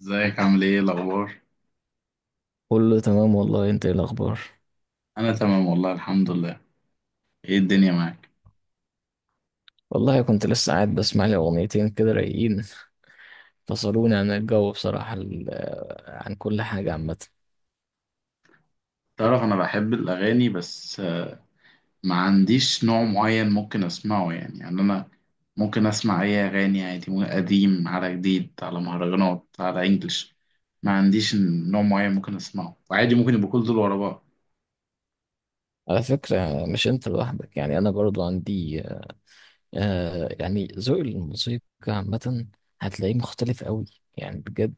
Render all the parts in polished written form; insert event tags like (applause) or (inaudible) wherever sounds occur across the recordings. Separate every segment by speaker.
Speaker 1: ازيك؟ عامل ايه؟ إيه الاخبار؟
Speaker 2: كله تمام والله، انت ايه الاخبار؟
Speaker 1: انا تمام والله، الحمد لله. ايه الدنيا معاك؟
Speaker 2: والله كنت لسه قاعد بسمع لي اغنيتين كده رايقين، فصلوني عن الجو بصراحة. عن كل حاجة عامة.
Speaker 1: تعرف انا بحب الاغاني، بس ما عنديش نوع معين ممكن اسمعه، يعني انا ممكن اسمع اي اغاني عادي، ممكن قديم على جديد على مهرجانات على انجلش. ما عنديش نوع معين ممكن اسمعه، وعادي ممكن يبقوا كل دول ورا بعض.
Speaker 2: على فكرة مش انت لوحدك، يعني انا برضو عندي يعني ذوق الموسيقى عامة هتلاقيه مختلف قوي، يعني بجد.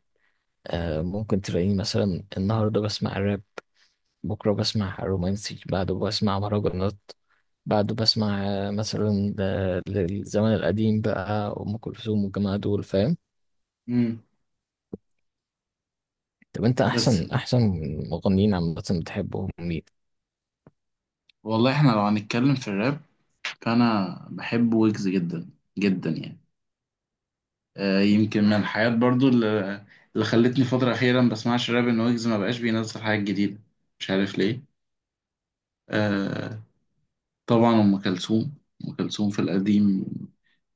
Speaker 2: ممكن تلاقيني مثلا النهاردة بسمع راب، بكرة بسمع رومانسي، بعده بسمع مهرجانات، بعده بسمع مثلا، للزمن القديم بقى أم كلثوم والجماعة دول، فاهم؟
Speaker 1: امم
Speaker 2: طب انت
Speaker 1: بس
Speaker 2: احسن مغنيين عامة بتحبهم مين؟
Speaker 1: والله احنا لو هنتكلم في الراب، فانا بحب ويجز جدا جدا يعني. يمكن من الحاجات برضو اللي خلتني فترة أخيرة ما بسمعش راب، إن ويجز ما بقاش بينزل حاجات جديدة، مش عارف ليه. آه طبعا أم كلثوم. أم كلثوم في القديم،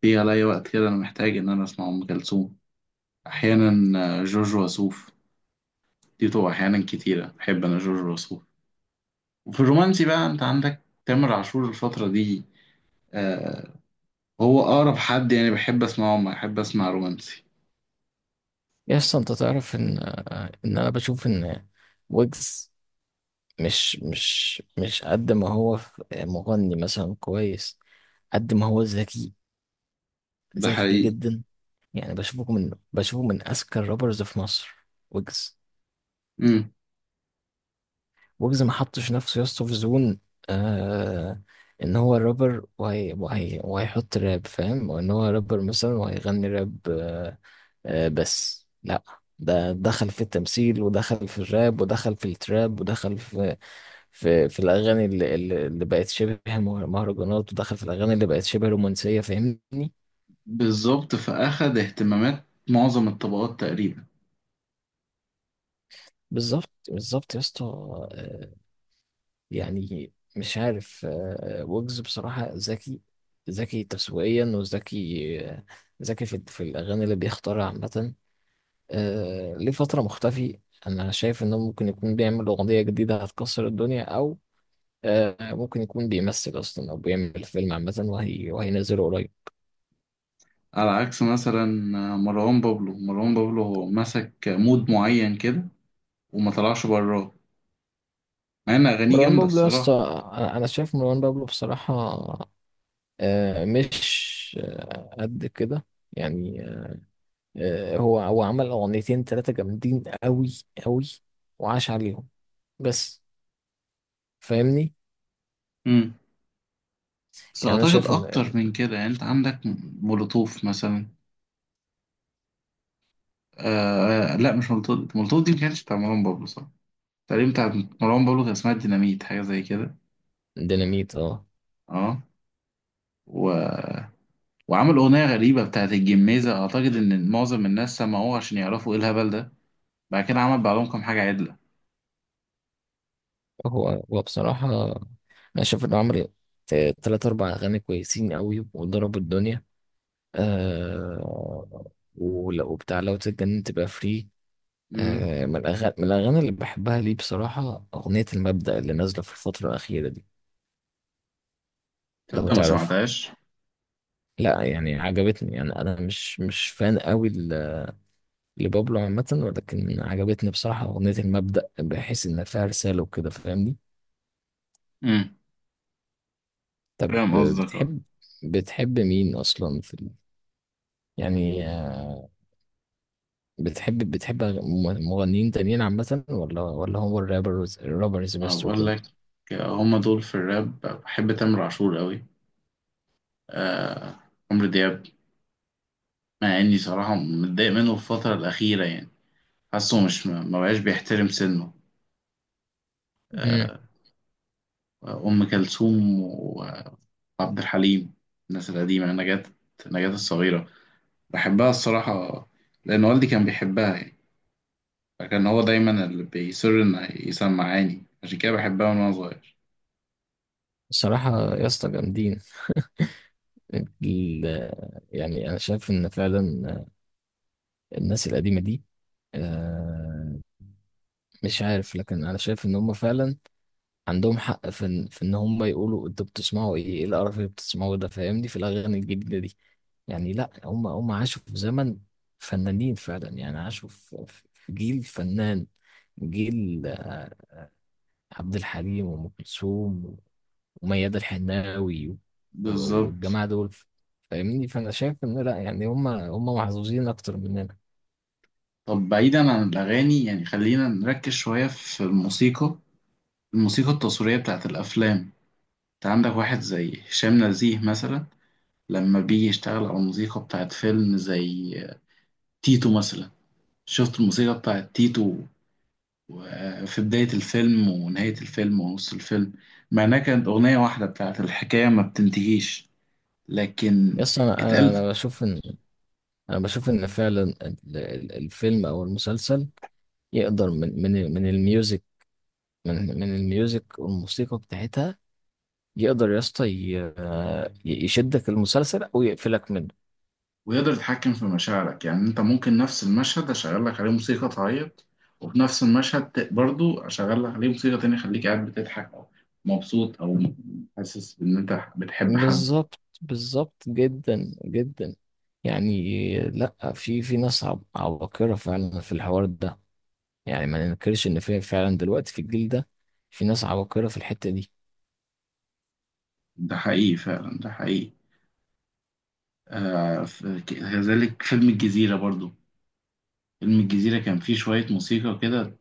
Speaker 1: في عليا وقت كده أنا محتاج إن أنا أسمع أم كلثوم أحيانا. جورج وسوف دي طبعا أحيانا كتيرة بحب أنا جورج وسوف. وفي الرومانسي بقى أنت عندك تامر عاشور الفترة دي. آه هو أقرب حد يعني بحب أسمعه، ما بحب أسمع رومانسي.
Speaker 2: يا اسطى انت تعرف ان، ان انا بشوف ان ويجز مش قد ما هو مغني مثلا كويس، قد ما هو ذكي.
Speaker 1: ده
Speaker 2: ذكي
Speaker 1: حقيقي.
Speaker 2: جدا، يعني بشوفه من اذكى الرابرز في مصر. ويجز، ويجز ما حطش نفسه يا اسطى في زون، آه ان هو رابر وهي وهيحط راب، فاهم؟ وان هو رابر مثلا وهيغني راب، بس لا. ده دخل في التمثيل، ودخل في الراب، ودخل في التراب، ودخل في الاغاني اللي بقت شبه مهرجانات، ودخل في الاغاني اللي بقت شبه رومانسيه، فاهمني؟
Speaker 1: بالظبط، فأخد اهتمامات معظم الطبقات تقريبا.
Speaker 2: بالظبط، بالظبط يا اسطى. يعني مش عارف، ويجز بصراحه ذكي. ذكي تسويقيا، وذكي، ذكي في الاغاني اللي بيختارها عامه. ليه فتره مختفي، انا شايف انه ممكن يكون بيعمل اغنيه جديده هتكسر الدنيا، او ممكن يكون بيمثل اصلا، او بيعمل فيلم عامه وهينزله قريب.
Speaker 1: على عكس مثلا مروان بابلو، مروان بابلو هو مسك مود معين كده وما طلعش براه، مع ان اغانيه
Speaker 2: مروان
Speaker 1: جامده
Speaker 2: بابلو يا اسطى،
Speaker 1: الصراحه.
Speaker 2: أنا شايف مروان بابلو بصراحه، مش، قد كده يعني. هو عمل اغنيتين ثلاثه جامدين قوي، قوي، وعاش عليهم بس، فاهمني؟
Speaker 1: امم بس
Speaker 2: يعني انا
Speaker 1: اعتقد
Speaker 2: شايف ان
Speaker 1: اكتر من كده يعني، انت عندك مولوتوف مثلا. لا، مش مولوتوف، مولوتوف دي ما كانتش بتاع مروان بابلو صح، تقريبا بتاع. مروان بابلو كان اسمها ديناميت، حاجه زي كده.
Speaker 2: ديناميت، اه.
Speaker 1: اه. و... وعمل اغنيه غريبه بتاعت الجميزه، اعتقد ان معظم الناس سمعوها عشان يعرفوا ايه الهبل ده. بعد كده عمل بعضهم كام حاجة عدلة.
Speaker 2: هو بصراحه انا شايف انه عمل ثلاثة اربع اغاني كويسين قوي وضربوا الدنيا، آه ولو بتاع لو تتجنن تبقى فري.
Speaker 1: امم
Speaker 2: من الأغاني، من الأغاني اللي بحبها ليه بصراحة، أغنية المبدأ اللي نازلة في الفترة الأخيرة دي،
Speaker 1: تبدأ
Speaker 2: لو
Speaker 1: ما مم.
Speaker 2: تعرفها.
Speaker 1: سمعتهاش.
Speaker 2: لا يعني عجبتني، يعني أنا مش فان قوي لبابلو عامة، ولكن عجبتني بصراحة أغنية المبدأ، بحيث إن فيها رسالة وكده، فاهمني؟
Speaker 1: امم.
Speaker 2: طب
Speaker 1: فاهم قصدك، اه.
Speaker 2: بتحب، بتحب مين أصلا في يعني بتحب مغنيين تانيين عامة، ولا هو الرابرز، الرابرز
Speaker 1: ما
Speaker 2: بس
Speaker 1: بقول
Speaker 2: وكده؟
Speaker 1: لك، هما دول. في الراب بحب تامر عاشور قوي. آه عمرو دياب، مع اني صراحة متضايق منه في الفترة الأخيرة يعني، حاسه مش، ما بقاش بيحترم سنه.
Speaker 2: امم،
Speaker 1: آه أم كلثوم وعبد الحليم، الناس القديمة. نجاة، نجاة الصغيرة، بحبها الصراحة لأن والدي كان بيحبها يعني، فكان هو دايما اللي بيصر إنه يسمعاني، عشان كده بحبها من وأنا صغير.
Speaker 2: الصراحة يا اسطى جامدين ال- يعني أنا شايف إن فعلا الناس القديمة دي، آه، مش عارف، لكن أنا شايف إن هم فعلا عندهم حق في إن هم يقولوا: أنتوا بتسمعوا إيه؟ إيه القرف اللي بتسمعوه ده؟ فاهمني، في الأغاني الجديدة دي. يعني لأ، هم عاشوا في زمن فنانين فعلا، يعني عاشوا في جيل فنان، جيل عبد الحليم وأم كلثوم وميادة الحناوي
Speaker 1: بالظبط.
Speaker 2: والجماعة دول، فاهمني؟ فأنا شايف إن لأ، يعني هم محظوظين أكتر مننا.
Speaker 1: طب بعيدا عن الأغاني، يعني خلينا نركز شوية في الموسيقى، الموسيقى التصويرية بتاعت الأفلام. انت عندك واحد زي هشام نزيه مثلا، لما بيجي يشتغل على الموسيقى بتاعت فيلم زي تيتو مثلا. شفت الموسيقى بتاعت تيتو في بداية الفيلم ونهاية الفيلم ونص الفيلم، مع إنها كانت أغنية واحدة بتاعت الحكاية ما بتنتهيش، لكن
Speaker 2: يس، أنا أنا
Speaker 1: اتقال.
Speaker 2: أنا بشوف إن، أنا بشوف إن فعلا الفيلم أو المسلسل يقدر من الميوزك، من الميوزك والموسيقى بتاعتها، يقدر يا اسطى يشدك المسلسل أو يقفلك منه.
Speaker 1: ويقدر يتحكم في مشاعرك، يعني انت ممكن نفس المشهد اشغل لك عليه موسيقى تعيط، وفي نفس المشهد برضو اشغل لك عليه موسيقى تانية خليك قاعد بتضحك، او مبسوط، او حاسس ان انت بتحب حد.
Speaker 2: بالظبط، بالظبط جدا جدا. يعني لأ، في في ناس عباقرة فعلا في الحوار ده، يعني ما ننكرش ان في فعلا دلوقتي في الجيل ده في ناس عباقرة في الحتة دي.
Speaker 1: ده حقيقي فعلا، ده حقيقي. آه، كذلك فيلم الجزيرة برضو، فيلم الجزيرة كان فيه شوية موسيقى كده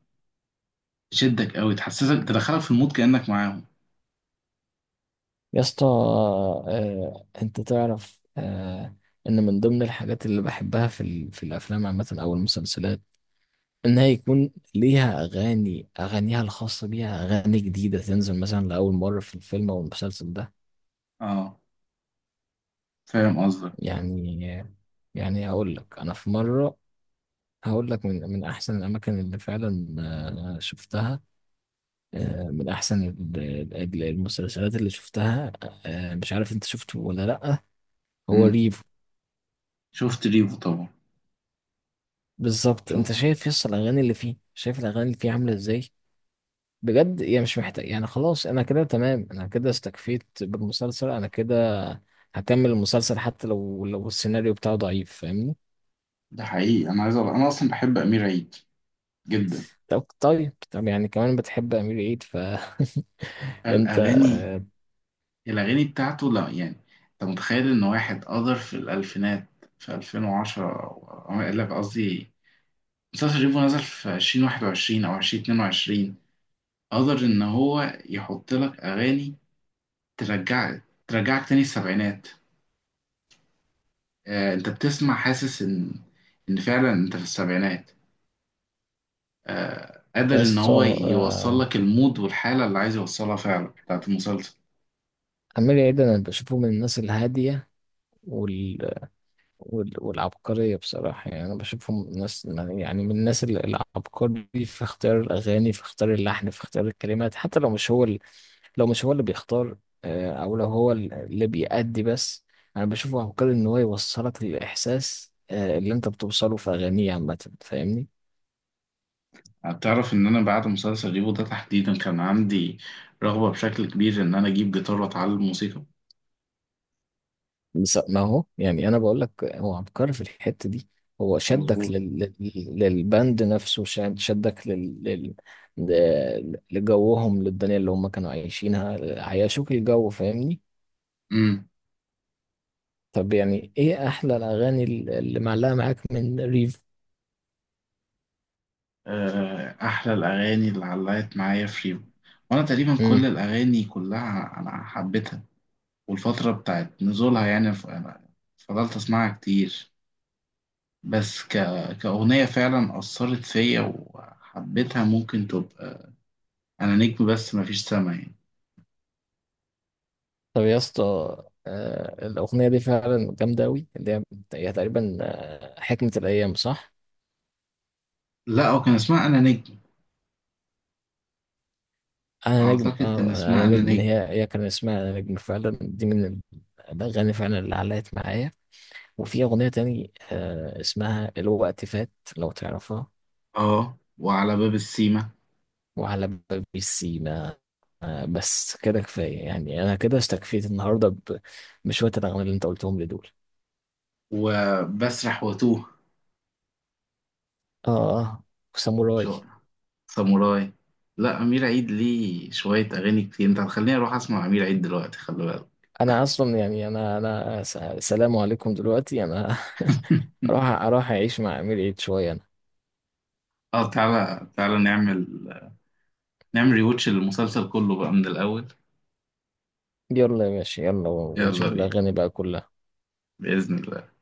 Speaker 1: تشدك قوي، تحسسك، تدخلك في المود كأنك معاهم.
Speaker 2: يا اسطى، انت تعرف، ان من ضمن الحاجات اللي بحبها في في الافلام عامة او المسلسلات انها يكون ليها اغاني، اغانيها الخاصة بيها، اغاني جديدة تنزل مثلا لاول مرة في الفيلم او المسلسل ده.
Speaker 1: اه، فاهم قصدك.
Speaker 2: يعني يعني هقول لك، انا في مرة هقول لك، من احسن الاماكن اللي فعلا شفتها، من احسن المسلسلات اللي شفتها، مش عارف انت شفته ولا لا، هو
Speaker 1: مم.
Speaker 2: ريفو.
Speaker 1: شفت ريفو طبعا.
Speaker 2: بالظبط، انت
Speaker 1: شفت.
Speaker 2: شايف، يس، الاغاني اللي فيه، شايف الاغاني اللي فيه عامله ازاي؟ بجد، يعني مش محتاج، يعني خلاص، انا كده تمام، انا كده استكفيت بالمسلسل، انا كده هكمل المسلسل حتى لو، لو السيناريو بتاعه ضعيف، فاهمني؟
Speaker 1: ده حقيقي انا عايز انا اصلا بحب امير عيد جدا.
Speaker 2: طب يعني كمان بتحب امير عيد، ف (laughs) انت،
Speaker 1: الأغاني، الأغاني بتاعته لا يعني. أنت متخيل إن واحد قدر في الألفينات، في 2010، أو لا قصدي مسلسل ريفو نزل في 2021 أو 2022، قدر إن هو يحط لك أغاني ترجعك، ترجعك تاني السبعينات. آه، أنت بتسمع حاسس إن، إن فعلا أنت في السبعينات. آه، قادر
Speaker 2: يا
Speaker 1: إن
Speaker 2: اسطى،
Speaker 1: هو يوصل
Speaker 2: آه،
Speaker 1: لك المود والحالة اللي عايز يوصلها فعلا بتاعت المسلسل.
Speaker 2: امير عيد انا بشوفه من الناس الهاديه والعبقرية بصراحة، يعني أنا بشوفهم ناس، يعني من الناس العبقري في اختيار الأغاني، في اختيار اللحن، في اختيار الكلمات، حتى لو مش هو لو مش هو اللي بيختار، أو لو هو اللي بيأدي بس. أنا بشوفه عبقري إن هو يوصلك للإحساس اللي أنت بتوصله في أغانيه عامة، فاهمني؟
Speaker 1: تعرف ان انا بعد مسلسل ريفو ده تحديدا كان عندي رغبة بشكل كبير ان انا اجيب جيتار واتعلم موسيقى.
Speaker 2: بس ما هو يعني انا بقول لك هو عبقري في الحته دي، هو شدك
Speaker 1: مظبوط.
Speaker 2: للبند نفسه، شدك لجوهم، للدنيا اللي هم كانوا عايشينها، عيشوك الجو، فاهمني؟
Speaker 1: امم
Speaker 2: طب يعني ايه احلى الاغاني اللي معلقه معاك من ريف؟
Speaker 1: آه، احلى الاغاني اللي علقت معايا في ريفو، وانا تقريبا كل
Speaker 2: امم،
Speaker 1: الاغاني كلها انا حبيتها. والفترة بتاعت نزولها يعني، أنا فضلت اسمعها كتير. بس ك... كأغنية فعلا أثرت فيا وحبيتها، ممكن تبقى أنا نجم، بس مفيش سما يعني.
Speaker 2: طب يا اسطى، الاغنيه دي فعلا جامده قوي، اللي هي، هي تقريبا، حكمه الايام، صح؟
Speaker 1: لا، هو كان اسمها أنا نجم.
Speaker 2: انا نجم،
Speaker 1: أعتقد كان
Speaker 2: اه، انا
Speaker 1: اسمها أنا
Speaker 2: نجم،
Speaker 1: نجم.
Speaker 2: هي كان اسمها انا نجم فعلا، دي من الاغاني فعلا اللي علقت معايا. وفي اغنيه تاني اسمها الوقت فات، لو تعرفها،
Speaker 1: اه، وعلى باب السيما،
Speaker 2: وعلى باب السيما. بس كده كفايه، يعني انا كده استكفيت النهارده بشويه الاغاني اللي انت قلتهم لي دول.
Speaker 1: وبسرح واتوه،
Speaker 2: اه اه، وساموراي.
Speaker 1: شقرة، ساموراي. لا، أمير عيد ليه شوية أغاني كتير، أنت هتخليني أروح أسمع أمير عيد دلوقتي، خلي بالك.
Speaker 2: انا اصلا يعني، انا سلام عليكم دلوقتي، انا
Speaker 1: (laughs)
Speaker 2: (laughs) اروح اعيش مع امير عيد شويه انا.
Speaker 1: اه، تعالى تعالى نعمل، نعمل ريوتش للمسلسل كله بقى من الأول.
Speaker 2: يلا يا باشا، يلا، ونشوف
Speaker 1: يلا بينا،
Speaker 2: الاغاني بقى كلها.
Speaker 1: بإذن الله.